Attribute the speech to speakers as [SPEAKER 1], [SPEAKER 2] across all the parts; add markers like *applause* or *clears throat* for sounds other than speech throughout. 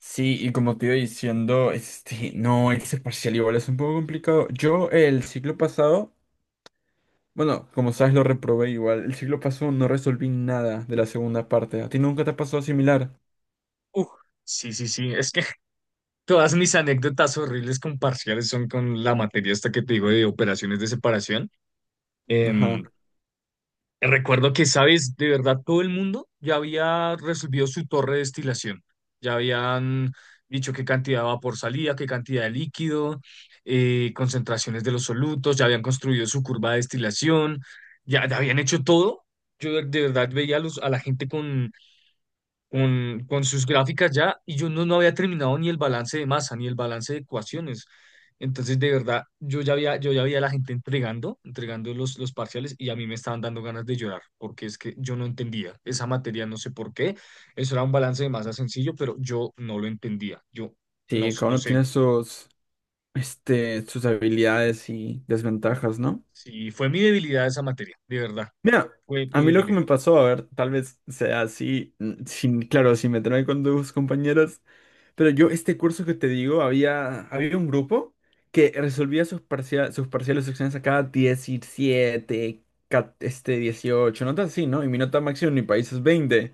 [SPEAKER 1] Sí, y como te iba diciendo, este, no, ese parcial igual es un poco complicado. Yo el ciclo pasado, bueno, como sabes, lo reprobé igual. El ciclo pasado no resolví nada de la segunda parte. ¿A ti nunca te ha pasado similar?
[SPEAKER 2] Uf, sí, sí, sí. Es que *laughs* todas mis anécdotas horribles con parciales son con la materia esta que te digo de operaciones de separación.
[SPEAKER 1] Ajá.
[SPEAKER 2] Em, Recuerdo que, sabes, de verdad todo el mundo ya había resolvido su torre de destilación. Ya habían dicho qué cantidad de vapor salía, qué cantidad de líquido, concentraciones de los solutos, ya habían construido su curva de destilación, ya habían hecho todo. Yo de verdad veía a la gente con con sus gráficas ya y yo no había terminado ni el balance de masa, ni el balance de ecuaciones. Entonces, de verdad, yo ya había a la gente entregando, entregando los parciales y a mí me estaban dando ganas de llorar, porque es que yo no entendía esa materia, no sé por qué. Eso era un balance de masa sencillo, pero yo no lo entendía. Yo
[SPEAKER 1] Sí, cada
[SPEAKER 2] no
[SPEAKER 1] uno
[SPEAKER 2] sé.
[SPEAKER 1] tiene sus habilidades y desventajas, ¿no?
[SPEAKER 2] Sí, fue mi debilidad esa materia, de verdad,
[SPEAKER 1] Mira,
[SPEAKER 2] fue
[SPEAKER 1] a
[SPEAKER 2] mi
[SPEAKER 1] mí lo que me
[SPEAKER 2] debilidad.
[SPEAKER 1] pasó, a ver, tal vez sea así, sin, claro, sin meterme con tus compañeros. Pero yo, este curso que te digo, había un grupo que resolvía sus parciales, sus exámenes acá 17, 18 notas así, ¿no? Y mi nota máxima en mi país es 20.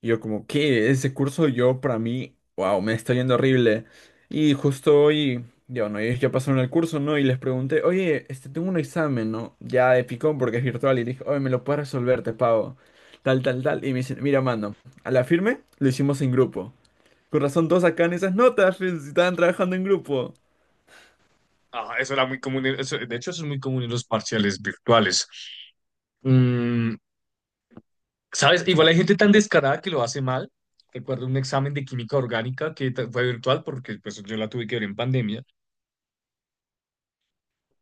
[SPEAKER 1] Y yo como, ¿qué? Ese curso yo, para mí, wow, me está yendo horrible. Y justo hoy, ya, bueno, ellos ya pasaron el curso, ¿no? Y les pregunté, oye, este, tengo un examen, ¿no? Ya de picón porque es virtual. Y dije, oye, ¿me lo puedes resolver? Te pago. Tal, tal, tal. Y me dicen, mira, mano, a la firme lo hicimos en grupo. Con razón todos sacan esas notas, fe, si estaban trabajando en grupo.
[SPEAKER 2] Ah, eso era muy común, de hecho, eso es muy común en los parciales virtuales. Mm, ¿sabes? Igual
[SPEAKER 1] Sí.
[SPEAKER 2] hay gente tan descarada que lo hace mal. Recuerdo un examen de química orgánica que fue virtual porque pues, yo la tuve que ver en pandemia.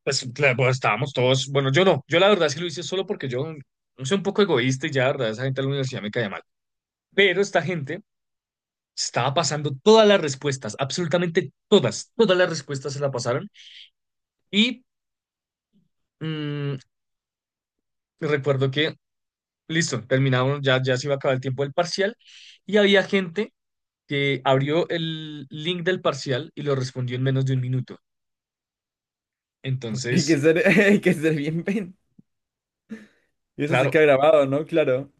[SPEAKER 2] Pues, claro, pues, estábamos todos, bueno, yo no, yo la verdad sí lo hice solo porque yo soy un poco egoísta y ya, la verdad, esa gente de la universidad me caía mal. Pero esta gente estaba pasando todas las respuestas, absolutamente todas, todas las respuestas se la pasaron. Y mm, recuerdo que, listo, terminamos, ya se iba a acabar el tiempo del parcial y había gente que abrió el link del parcial y lo respondió en menos de un minuto.
[SPEAKER 1] Hay que
[SPEAKER 2] Entonces,
[SPEAKER 1] ser, *laughs* hay que ser bien pen. Y eso se queda
[SPEAKER 2] claro,
[SPEAKER 1] grabado, ¿no? Claro.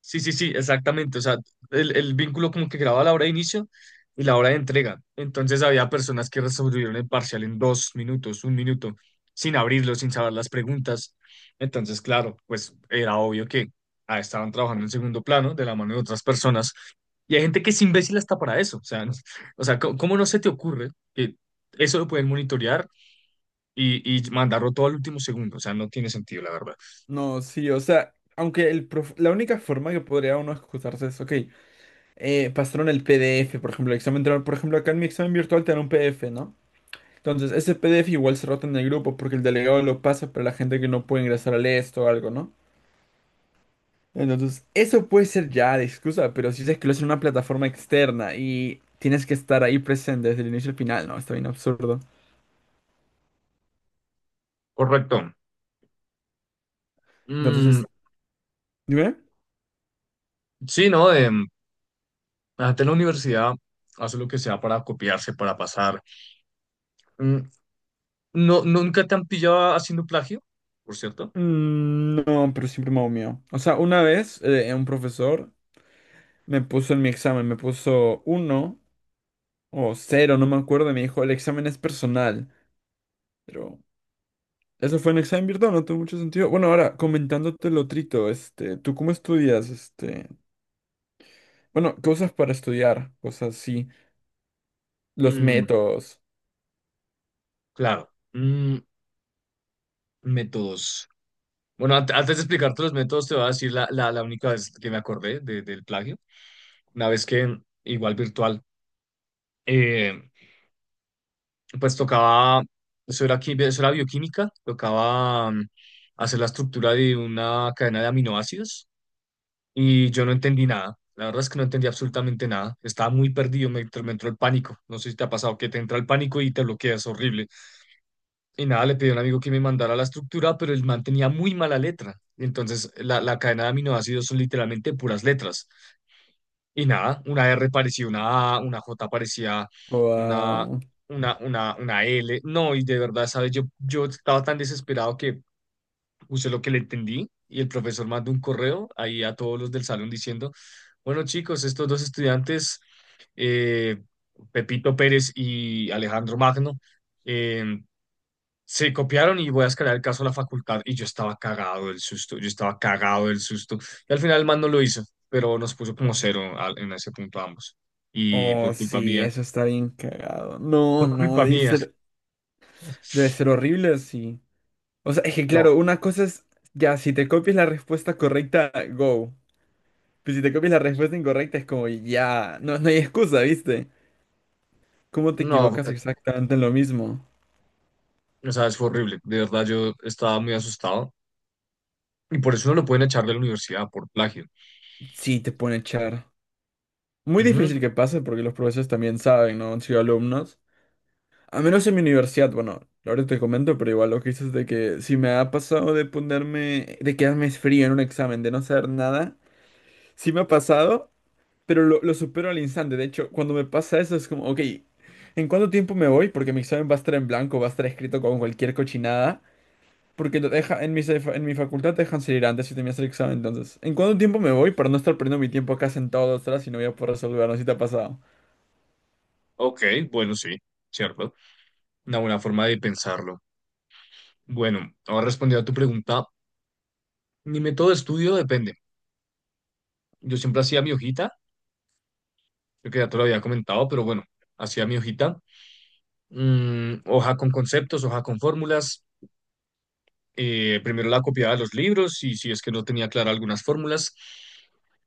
[SPEAKER 2] sí, sí, sí, exactamente. O sea, el vínculo como que graba la hora de inicio y la hora de entrega. Entonces había personas que resolvieron el parcial en dos minutos, un minuto, sin abrirlo, sin saber las preguntas. Entonces, claro, pues era obvio que ah, estaban trabajando en segundo plano de la mano de otras personas. Y hay gente que es imbécil hasta para eso. O sea, *laughs* no, o sea, ¿cómo, cómo no se te ocurre que eso lo pueden monitorear y mandarlo todo al último segundo? O sea, no tiene sentido, la verdad.
[SPEAKER 1] No, sí, o sea, aunque la única forma que podría uno excusarse es, ok, pasaron el PDF, por ejemplo, el examen, por ejemplo, acá en mi examen virtual te dan un PDF, ¿no? Entonces, ese PDF igual se rota en el grupo porque el delegado lo pasa para la gente que no puede ingresar al esto o algo, ¿no? Entonces, eso puede ser ya de excusa, pero si dices que lo hacen en una plataforma externa y tienes que estar ahí presente desde el inicio al final, no, está bien absurdo.
[SPEAKER 2] Correcto. Mm,
[SPEAKER 1] Entonces, dime.
[SPEAKER 2] sí, ¿no? La gente en la universidad hace lo que sea para copiarse, para pasar. Mm, no, nunca te han pillado haciendo plagio, por cierto.
[SPEAKER 1] Mm, no, pero siempre me hago mío. O sea, una vez un profesor me puso en mi examen, me puso uno o cero, no me acuerdo, y me dijo, el examen es personal. Pero eso fue un examen virtual, no tuvo mucho sentido. Bueno, ahora, comentándote lo trito, este, ¿tú cómo estudias? Este, bueno, cosas para estudiar, cosas así, los
[SPEAKER 2] Mm,
[SPEAKER 1] métodos.
[SPEAKER 2] claro. Mm, métodos. Bueno, antes de explicarte los métodos, te voy a decir la, la, la única vez que me acordé del plagio. Una vez que, igual virtual, eh, pues tocaba, eso era, eso era bioquímica, tocaba hacer la estructura de una cadena de aminoácidos y yo no entendí nada. La verdad es que no entendí absolutamente nada. Estaba muy perdido, me entró el pánico. No sé si te ha pasado que te entra el pánico y te bloqueas, horrible. Y nada, le pedí a un amigo que me mandara la estructura, pero el man tenía muy mala letra. Entonces, la cadena de aminoácidos son literalmente puras letras. Y nada, una R parecía una A, una J parecía una,
[SPEAKER 1] Wow.
[SPEAKER 2] una L. No, y de verdad, ¿sabes? Yo estaba tan desesperado que puse lo que le entendí y el profesor mandó un correo ahí a todos los del salón diciendo, bueno, chicos, estos dos estudiantes, eh, Pepito Pérez y Alejandro Magno, eh, se copiaron y voy a escalar el caso a la facultad. Y yo estaba cagado del susto, yo estaba cagado del susto. Y al final el man no lo hizo, pero nos puso como cero en ese punto ambos. Y
[SPEAKER 1] Oh,
[SPEAKER 2] por culpa
[SPEAKER 1] sí,
[SPEAKER 2] mía,
[SPEAKER 1] eso está bien cagado. No,
[SPEAKER 2] por
[SPEAKER 1] no,
[SPEAKER 2] culpa
[SPEAKER 1] debe
[SPEAKER 2] mía.
[SPEAKER 1] ser, debe ser
[SPEAKER 2] *laughs*
[SPEAKER 1] horrible así. O sea, es que
[SPEAKER 2] No,
[SPEAKER 1] claro, una cosa es, ya, si te copias la respuesta correcta, go. Pero si te copias la respuesta incorrecta, es como, ya, no, no hay excusa, ¿viste? ¿Cómo te
[SPEAKER 2] no,
[SPEAKER 1] equivocas exactamente en lo mismo?
[SPEAKER 2] o sea, es horrible. De verdad, yo estaba muy asustado. Y por eso no lo pueden echar de la universidad por plagio.
[SPEAKER 1] Sí, te pone a echar. Muy
[SPEAKER 2] Ujú,
[SPEAKER 1] difícil que pase porque los profesores también saben, ¿no? Han sido alumnos. A menos en mi universidad, bueno, ahora te comento, pero igual lo que dices de que si me ha pasado de ponerme, de quedarme frío en un examen, de no saber nada, sí me ha pasado, pero lo supero al instante. De hecho, cuando me pasa eso es como, ok, ¿en cuánto tiempo me voy? Porque mi examen va a estar en blanco, va a estar escrito con cualquier cochinada, porque lo deja, en mi facultad te dejan salir antes si terminas el examen, entonces, ¿en cuánto tiempo me voy para no estar perdiendo mi tiempo acá sentado 2 horas y no voy a poder resolver? No sé si te ha pasado.
[SPEAKER 2] ok, bueno, sí, cierto. Una buena forma de pensarlo. Bueno, ahora respondiendo a tu pregunta, mi método de estudio depende. Yo siempre hacía mi hojita. Creo que ya te lo había comentado, pero bueno, hacía mi hojita, hoja con conceptos, hoja con fórmulas, primero la copiaba de los libros y si es que no tenía clara algunas fórmulas,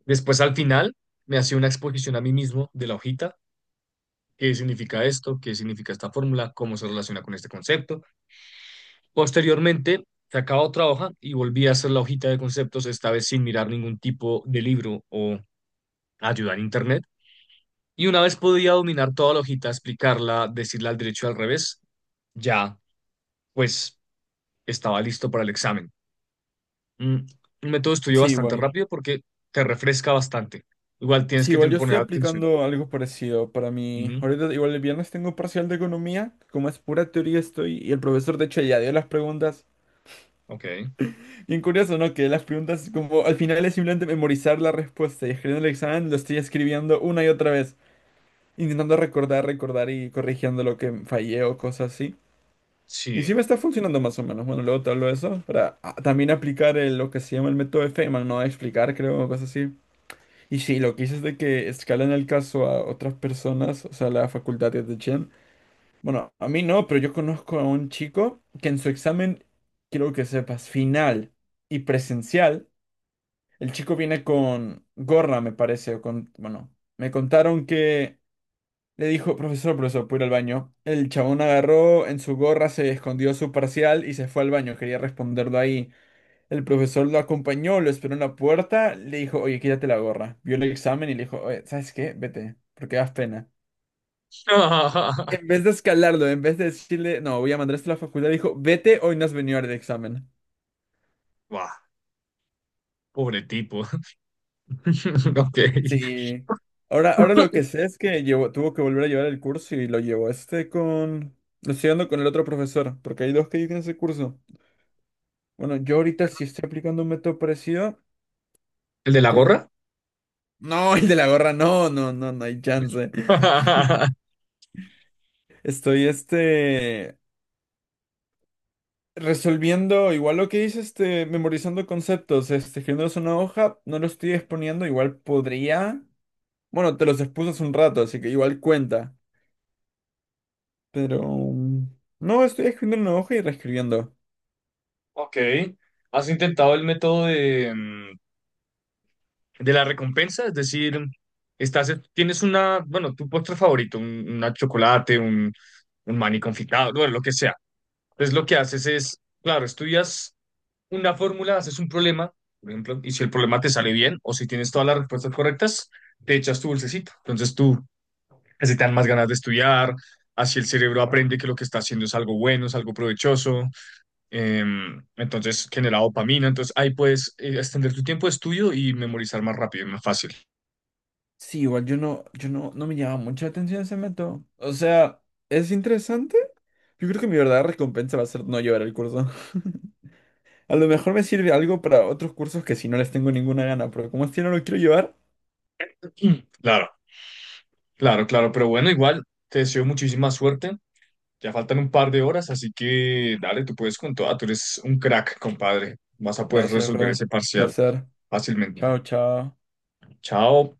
[SPEAKER 2] después al final me hacía una exposición a mí mismo de la hojita, qué significa esto, qué significa esta fórmula, cómo se relaciona con este concepto. Posteriormente sacaba otra hoja y volvía a hacer la hojita de conceptos, esta vez sin mirar ningún tipo de libro o ayuda en internet. Y una vez podía dominar toda la hojita, explicarla, decirla al derecho y al revés, ya, pues, estaba listo para el examen. Mm, un método de estudio
[SPEAKER 1] Sí,
[SPEAKER 2] bastante
[SPEAKER 1] igual.
[SPEAKER 2] rápido porque te refresca bastante. Igual tienes
[SPEAKER 1] Sí,
[SPEAKER 2] que
[SPEAKER 1] igual yo estoy
[SPEAKER 2] poner atención.
[SPEAKER 1] aplicando algo parecido para mí.
[SPEAKER 2] Ujú,
[SPEAKER 1] Ahorita, igual el viernes tengo parcial de economía, como es pura teoría estoy, y el profesor de hecho ya dio las preguntas.
[SPEAKER 2] ok,
[SPEAKER 1] Bien curioso, ¿no? Que las preguntas como al final es simplemente memorizar la respuesta y escribiendo el examen lo estoy escribiendo una y otra vez, intentando recordar, recordar y corrigiendo lo que fallé o cosas así. Y sí
[SPEAKER 2] sí.
[SPEAKER 1] me está funcionando más o menos. Bueno, luego te hablo de eso para también aplicar lo que se llama el método de Feynman, ¿no? Explicar, creo, o cosas así. Y sí, lo que hice es de que escalan el caso a otras personas, o sea, la facultad de Chen. Bueno, a mí no, pero yo conozco a un chico que en su examen, quiero que sepas, final y presencial, el chico viene con gorra, me parece, o con, bueno, me contaron que le dijo, profesor, profesor, puedo ir al baño. El chabón agarró en su gorra, se escondió su parcial y se fue al baño, quería responderlo ahí. El profesor lo acompañó, lo esperó en la puerta, le dijo, oye, quítate la gorra. Vio el examen y le dijo, oye, ¿sabes qué? Vete, porque das pena. En
[SPEAKER 2] *laughs*
[SPEAKER 1] vez de escalarlo, en vez de decirle, no, voy a mandarte a la facultad, dijo, vete, hoy no has venido al examen.
[SPEAKER 2] Buah, pobre tipo. *laughs* Ok.
[SPEAKER 1] Sí. Ahora lo que sé es que tuvo que volver a llevar el curso y lo llevó este con... Lo estoy dando con el otro profesor, porque hay dos que dicen ese curso. Bueno, yo ahorita sí estoy aplicando un método parecido,
[SPEAKER 2] ¿El de la
[SPEAKER 1] porque...
[SPEAKER 2] gorra?
[SPEAKER 1] No, el de la gorra, no, no, no, no hay chance.
[SPEAKER 2] *laughs*
[SPEAKER 1] Estoy este... Resolviendo igual lo que dice este, memorizando conceptos, este, escribiéndolos en una hoja, no lo estoy exponiendo, igual podría. Bueno, te los expuse hace un rato, así que igual cuenta. Pero no, estoy escribiendo en una hoja y reescribiendo.
[SPEAKER 2] Ok. ¿Has intentado el método de la recompensa? Es decir, estás, tienes una, bueno, tu postre favorito, un, una chocolate, un maní confitado, bueno, lo que sea. Entonces lo que haces es, claro, estudias una fórmula, haces un problema, por ejemplo, y si el problema te sale bien o si tienes todas las respuestas correctas, te echas tu dulcecito. Entonces tú, así te dan más ganas de estudiar, así el cerebro aprende que lo que está haciendo es algo bueno, es algo provechoso, entonces genera dopamina, entonces ahí puedes extender tu tiempo de estudio y memorizar más rápido, más fácil.
[SPEAKER 1] Sí, igual yo no, no me llama mucha atención ese método. O sea, es interesante. Yo creo que mi verdadera recompensa va a ser no llevar el curso. *laughs* A lo mejor me sirve algo para otros cursos que si no les tengo ninguna gana, pero como este no lo quiero llevar,
[SPEAKER 2] *clears throat* Claro, claro, claro, pero bueno, igual te deseo muchísima suerte. Ya faltan un par de horas, así que dale, tú puedes con toda, tú eres un crack, compadre. Vas a poder
[SPEAKER 1] gracias,
[SPEAKER 2] resolver
[SPEAKER 1] bro.
[SPEAKER 2] ese parcial
[SPEAKER 1] Placer.
[SPEAKER 2] fácilmente.
[SPEAKER 1] Chao, chao.
[SPEAKER 2] Chao.